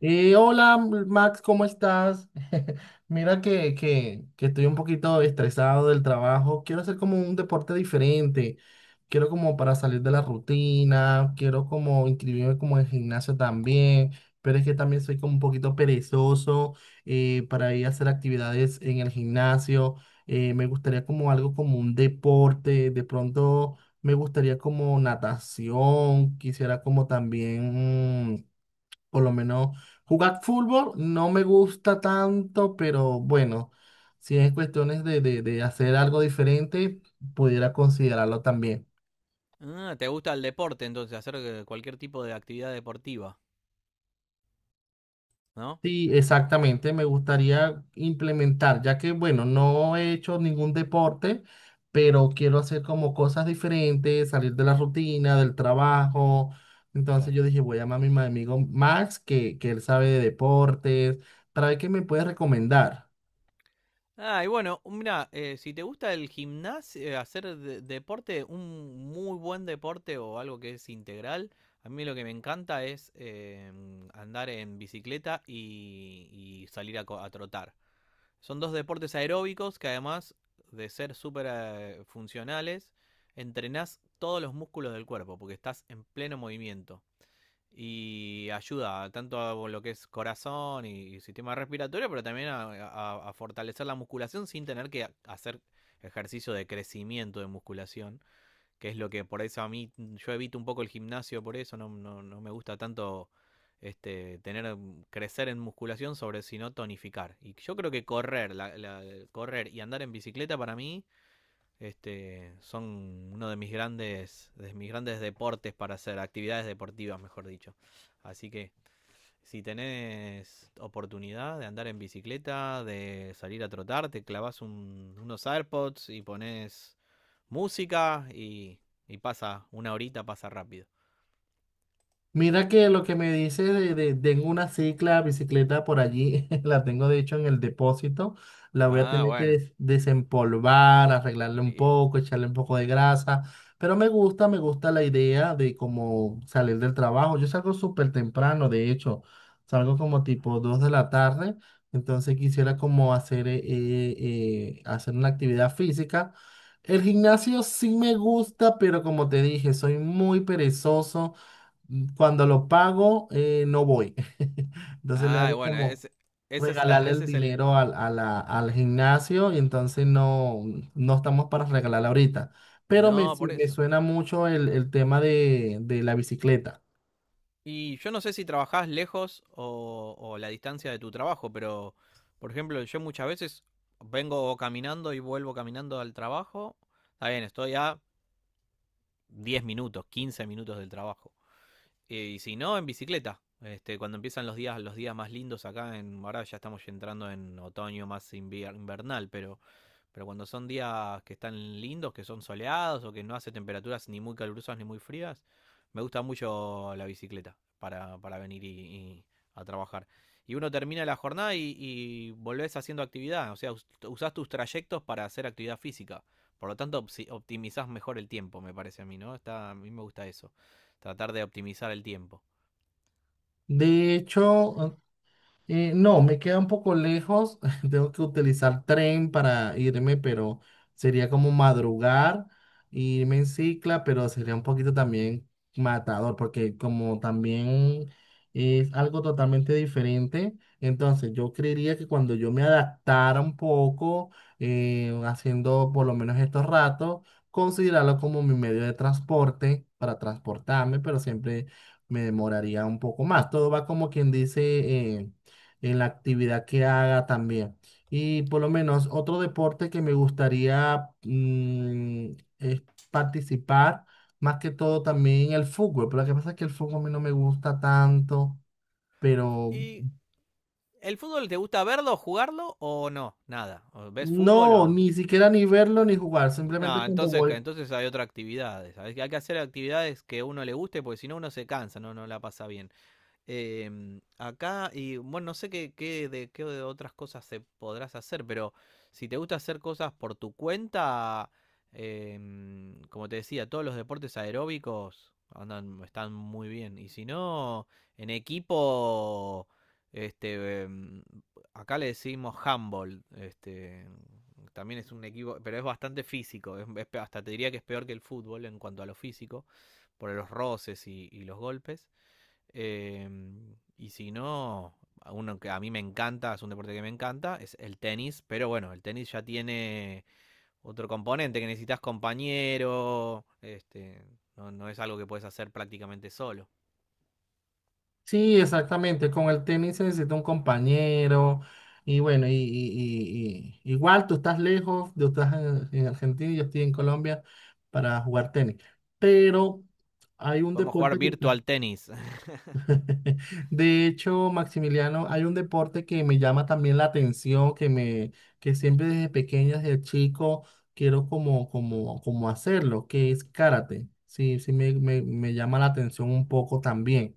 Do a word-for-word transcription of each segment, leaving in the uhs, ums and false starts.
Eh, hola Max, ¿cómo estás? Mira que, que, que estoy un poquito estresado del trabajo. Quiero hacer como un deporte diferente. Quiero como para salir de la rutina. Quiero como inscribirme como en gimnasio también. Pero es que también soy como un poquito perezoso eh, para ir a hacer actividades en el gimnasio. Eh, me gustaría como algo como un deporte. De pronto me gustaría como natación. Quisiera como también... mm, por lo menos jugar fútbol no me gusta tanto, pero bueno, si es cuestiones de, de- de hacer algo diferente, pudiera considerarlo también. Ah, te gusta el deporte, entonces, hacer eh, cualquier tipo de actividad deportiva, ¿no? Sí, exactamente, me gustaría implementar, ya que bueno, no he hecho ningún deporte, pero quiero hacer como cosas diferentes, salir de la rutina, del trabajo. Entonces Claro. yo dije, voy a llamar a mi ma- amigo Max, que, que él sabe de deportes, para ver qué me puede recomendar. Ah, y bueno, mira, eh, si te gusta el gimnasio, eh, hacer de- deporte, un muy buen deporte o algo que es integral, a mí lo que me encanta es eh, andar en bicicleta y, y salir a, co- a trotar. Son dos deportes aeróbicos que además de ser súper eh, funcionales, entrenás todos los músculos del cuerpo porque estás en pleno movimiento. Y ayuda tanto a lo que es corazón y sistema respiratorio, pero también a, a- a fortalecer la musculación sin tener que hacer ejercicio de crecimiento de musculación, que es lo que por eso a mí yo evito un poco el gimnasio, por eso no, no, no me gusta tanto este, tener mm, crecer en musculación sobre sino tonificar. Y yo creo que correr, la- la- correr y andar en bicicleta para mí este, son uno de mis grandes, de mis grandes deportes para hacer, actividades deportivas, mejor dicho. Así que si tenés oportunidad de andar en bicicleta, de salir a trotar, te clavas un, unos AirPods y pones música y, y pasa, una horita pasa rápido. Mira que lo que me dice de, de- tengo una cicla, bicicleta por allí, la tengo de hecho en el depósito, la voy a Ah, tener que bueno. des- desempolvar, arreglarle un Y- poco, echarle un poco de grasa, pero me gusta, me gusta la idea de cómo salir del trabajo. Yo salgo súper temprano, de hecho, salgo como tipo dos de la tarde, entonces quisiera como hacer, eh, eh, eh, hacer una actividad física. El gimnasio sí me gusta, pero como te dije, soy muy perezoso. mm, Cuando lo pago, eh, no voy. Entonces le ah, hago bueno, como ese, esa es la, regalarle ese el es el... dinero al, a la- al gimnasio y entonces no, no estamos para regalarla ahorita. Pero me, No, su- por me eso. suena mucho el, el tema de, de la bicicleta. Y yo no sé si trabajás lejos o, o la distancia de tu trabajo, pero por ejemplo, yo muchas veces vengo caminando y vuelvo caminando al trabajo. Está bien, estoy a diez minutos, quince minutos del trabajo. Y, si no, en bicicleta. Este, cuando empiezan los días, los días más lindos acá en, ahora ya estamos entrando en otoño más invier- invernal, pero pero cuando son días que están lindos, que son soleados o que no hace temperaturas ni muy calurosas ni muy frías, me gusta mucho la bicicleta para, para venir y, y a trabajar. Y uno termina la jornada y, y volvés haciendo actividad, o sea, us- usás tus trayectos para hacer actividad física. Por lo tanto, opsi- optimizás mejor el tiempo, me parece a mí, ¿no? Está, a mí me gusta eso, tratar de optimizar el tiempo. De hecho, Eh, no, me queda un poco lejos. Tengo que utilizar tren para irme, pero sería como madrugar, irme en cicla, pero sería un poquito también matador, porque como también es algo totalmente diferente, entonces yo creería que cuando yo me adaptara un poco, eh, haciendo por lo menos estos ratos, considerarlo como mi medio de transporte para transportarme, pero siempre me demoraría un poco más. Todo va como quien dice eh, en la actividad que haga también. Y por lo menos otro deporte que me gustaría, mm, es participar, más que todo también el fútbol, pero lo que pasa es que el fútbol a mí no me gusta tanto, pero ¿Y el fútbol te gusta verlo, jugarlo o no? Nada. ¿O ves fútbol no, o...? ni siquiera ni verlo ni jugar, simplemente No, cuando entonces, voy. entonces hay otras actividades. Hay hay que hacer actividades que a uno le guste, porque si no uno se cansa, no, no la pasa bien. Em, acá, y bueno, no sé qué, qué de, qué de otras cosas se podrás hacer, pero si te gusta hacer cosas por tu cuenta, em, como te decía, todos los deportes aeróbicos andan, están muy bien. Y si no, en equipo, este, em, acá le decimos handball, este, también es un equipo, pero es bastante físico, es- es pe- hasta te diría que es peor que el fútbol en cuanto a lo físico, por los roces y y los golpes. Em, y si no, a uno que a mí me encanta, es un deporte que me encanta, es el tenis. Pero bueno, el tenis ya tiene otro componente que necesitas compañero. Este, no, no es algo que puedes hacer prácticamente solo. Sí, exactamente. Con el tenis se necesita un compañero. Y bueno, y, y- y- y- igual tú estás lejos, tú estás en, en Argentina y yo estoy en Colombia para jugar tenis. Pero hay un Podemos jugar deporte que... virtual tenis. De hecho, Maximiliano, hay un deporte que me llama también la atención, que me, que siempre desde pequeño, desde chico, quiero como, como, como hacerlo, que es karate. Sí, sí me, me me llama la atención un poco también.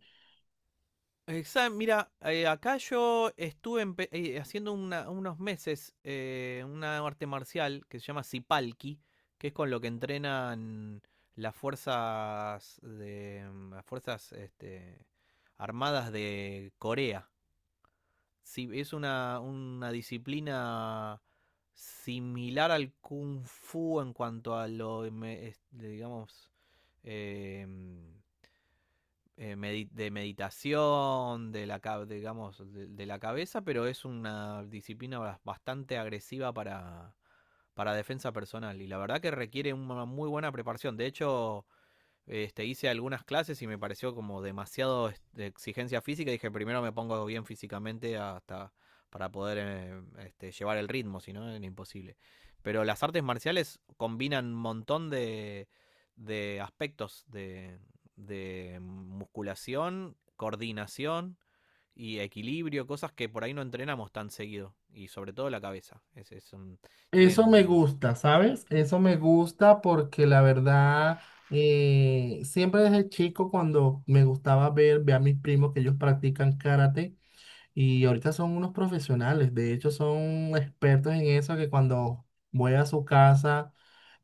Exa- mira, eh, acá yo estuve empe- eh, haciendo una- unos meses eh, una arte marcial que se llama Sipalki, que es con lo que entrenan las fuerzas de mm, las fuerzas este, armadas de Corea. Sí, es una, una disciplina similar al Kung Fu en cuanto a lo, me- es- digamos, em, eh, medi- de meditación, de la, ca- digamos, de, de la cabeza, pero es una disciplina bas- bastante agresiva para, para defensa personal. Y la verdad que requiere una muy buena preparación. De hecho, este, hice algunas clases y me pareció como demasiado es- de exigencia física. Dije, primero me pongo bien físicamente hasta para poder eh, este, llevar el ritmo, si no, era imposible. Pero las artes marciales combinan un montón de, de aspectos de, de musculación, coordinación y equilibrio, cosas que por ahí no entrenamos tan seguido. Y sobre todo la cabeza. Es, es un- Eso me tienen gusta, ¿sabes? Eso me gusta porque la verdad, eh, siempre desde chico cuando me gustaba ver, ver a mis primos que ellos practican karate y ahorita son unos profesionales, de hecho son expertos en eso que cuando voy a su casa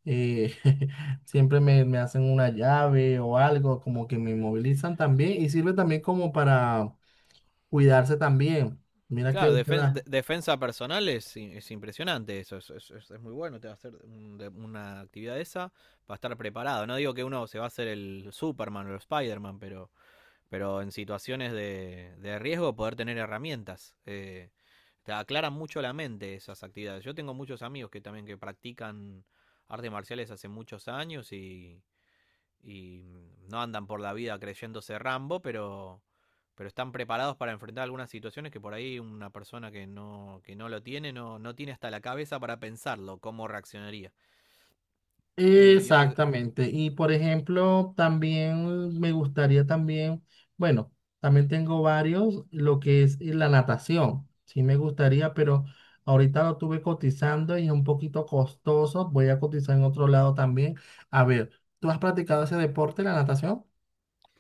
eh, siempre me, me hacen una llave o algo, como que me movilizan también y sirve también como para cuidarse también. Mira que... claro, defen- de- defensa personal es, i- es impresionante eso, es, es- es- es muy bueno, te va a hacer un- de- una actividad de esa para estar preparado. No digo que uno se va a hacer el Superman o el Spider-Man, pero, pero en situaciones de, de riesgo poder tener herramientas. eh, te aclaran mucho la mente esas actividades. Yo tengo muchos amigos que también que practican artes marciales hace muchos años y, y no andan por la vida creyéndose Rambo, pero, pero están preparados para enfrentar algunas situaciones que por ahí una persona que no, que no lo tiene, no, no tiene hasta la cabeza para pensarlo, cómo reaccionaría. Eh, y eso es, Exactamente. Y por ejemplo, también me gustaría también, bueno, también tengo varios, lo que es la natación. Sí me gustaría, pero ahorita lo tuve cotizando y es un poquito costoso. Voy a cotizar en otro lado también. A ver, ¿tú has practicado ese deporte, la natación?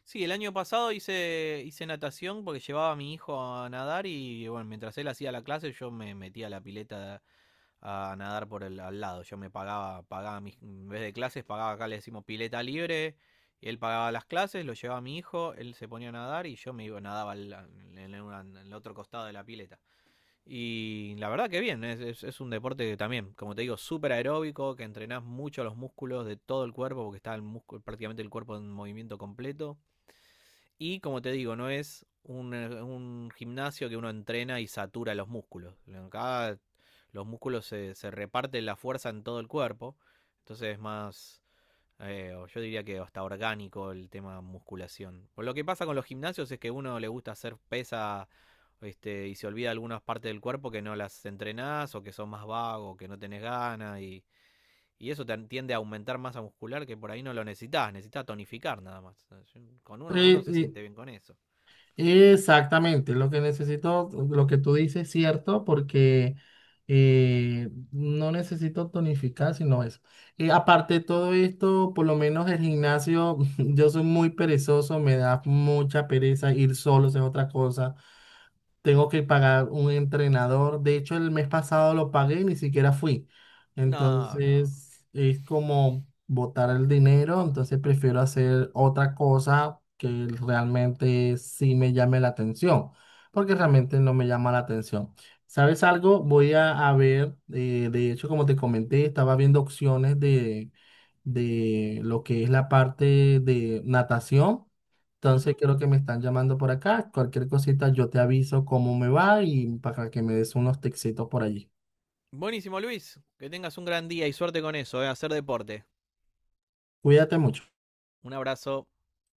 sí, el año pasado hice, hice natación porque llevaba a mi hijo a nadar y bueno, mientras él hacía la clase yo me metía a la pileta a nadar por el al lado. Yo me pagaba, pagaba mis, en vez de clases, pagaba acá le decimos pileta libre, y él pagaba las clases, lo llevaba a mi hijo, él se ponía a nadar y yo me iba, nadaba al- al- en, una- en el otro costado de la pileta. Y la verdad que bien, es, es- es un deporte que también, como te digo, súper aeróbico, que entrenás mucho los músculos de todo el cuerpo, porque está el músculo, prácticamente el cuerpo en movimiento completo. Y como te digo, no es un, eh, un gimnasio que uno entrena y satura los músculos. Acá los músculos se, se reparten la fuerza en todo el cuerpo. Entonces es más, eh, yo diría que hasta orgánico el tema musculación. Por lo que pasa con los gimnasios es que a uno le gusta hacer pesa este, y se olvida algunas partes del cuerpo que no las entrenás o que son más vagos, que no tenés ganas y, y eso te tiende a aumentar masa muscular que por ahí no lo necesitas, necesitas tonificar nada más. Con uno, uno se Sí, siente bien con eso. exactamente, lo que necesito, lo que tú dices es cierto, porque eh, no necesito tonificar, sino eso. Eh, aparte de todo esto, por lo menos el gimnasio, yo soy muy perezoso, me da mucha pereza ir solo, es otra cosa. Tengo que pagar un entrenador. De hecho, el mes pasado lo pagué y ni siquiera fui. No, no. Entonces, es como botar el dinero. Entonces, prefiero hacer otra cosa que realmente sí me llame la atención, porque realmente no me llama la atención. ¿Sabes algo? Voy a, a ver, eh, de hecho, como te comenté, estaba viendo opciones de, de lo que es la parte de natación. Entonces Ujú. creo que me están llamando por acá. Cualquier cosita yo te aviso cómo me va y para que me des unos textitos por allí. Buenísimo, Luis. Que tengas un gran día y suerte con eso, eh, hacer deporte. Cuídate mucho. Un abrazo.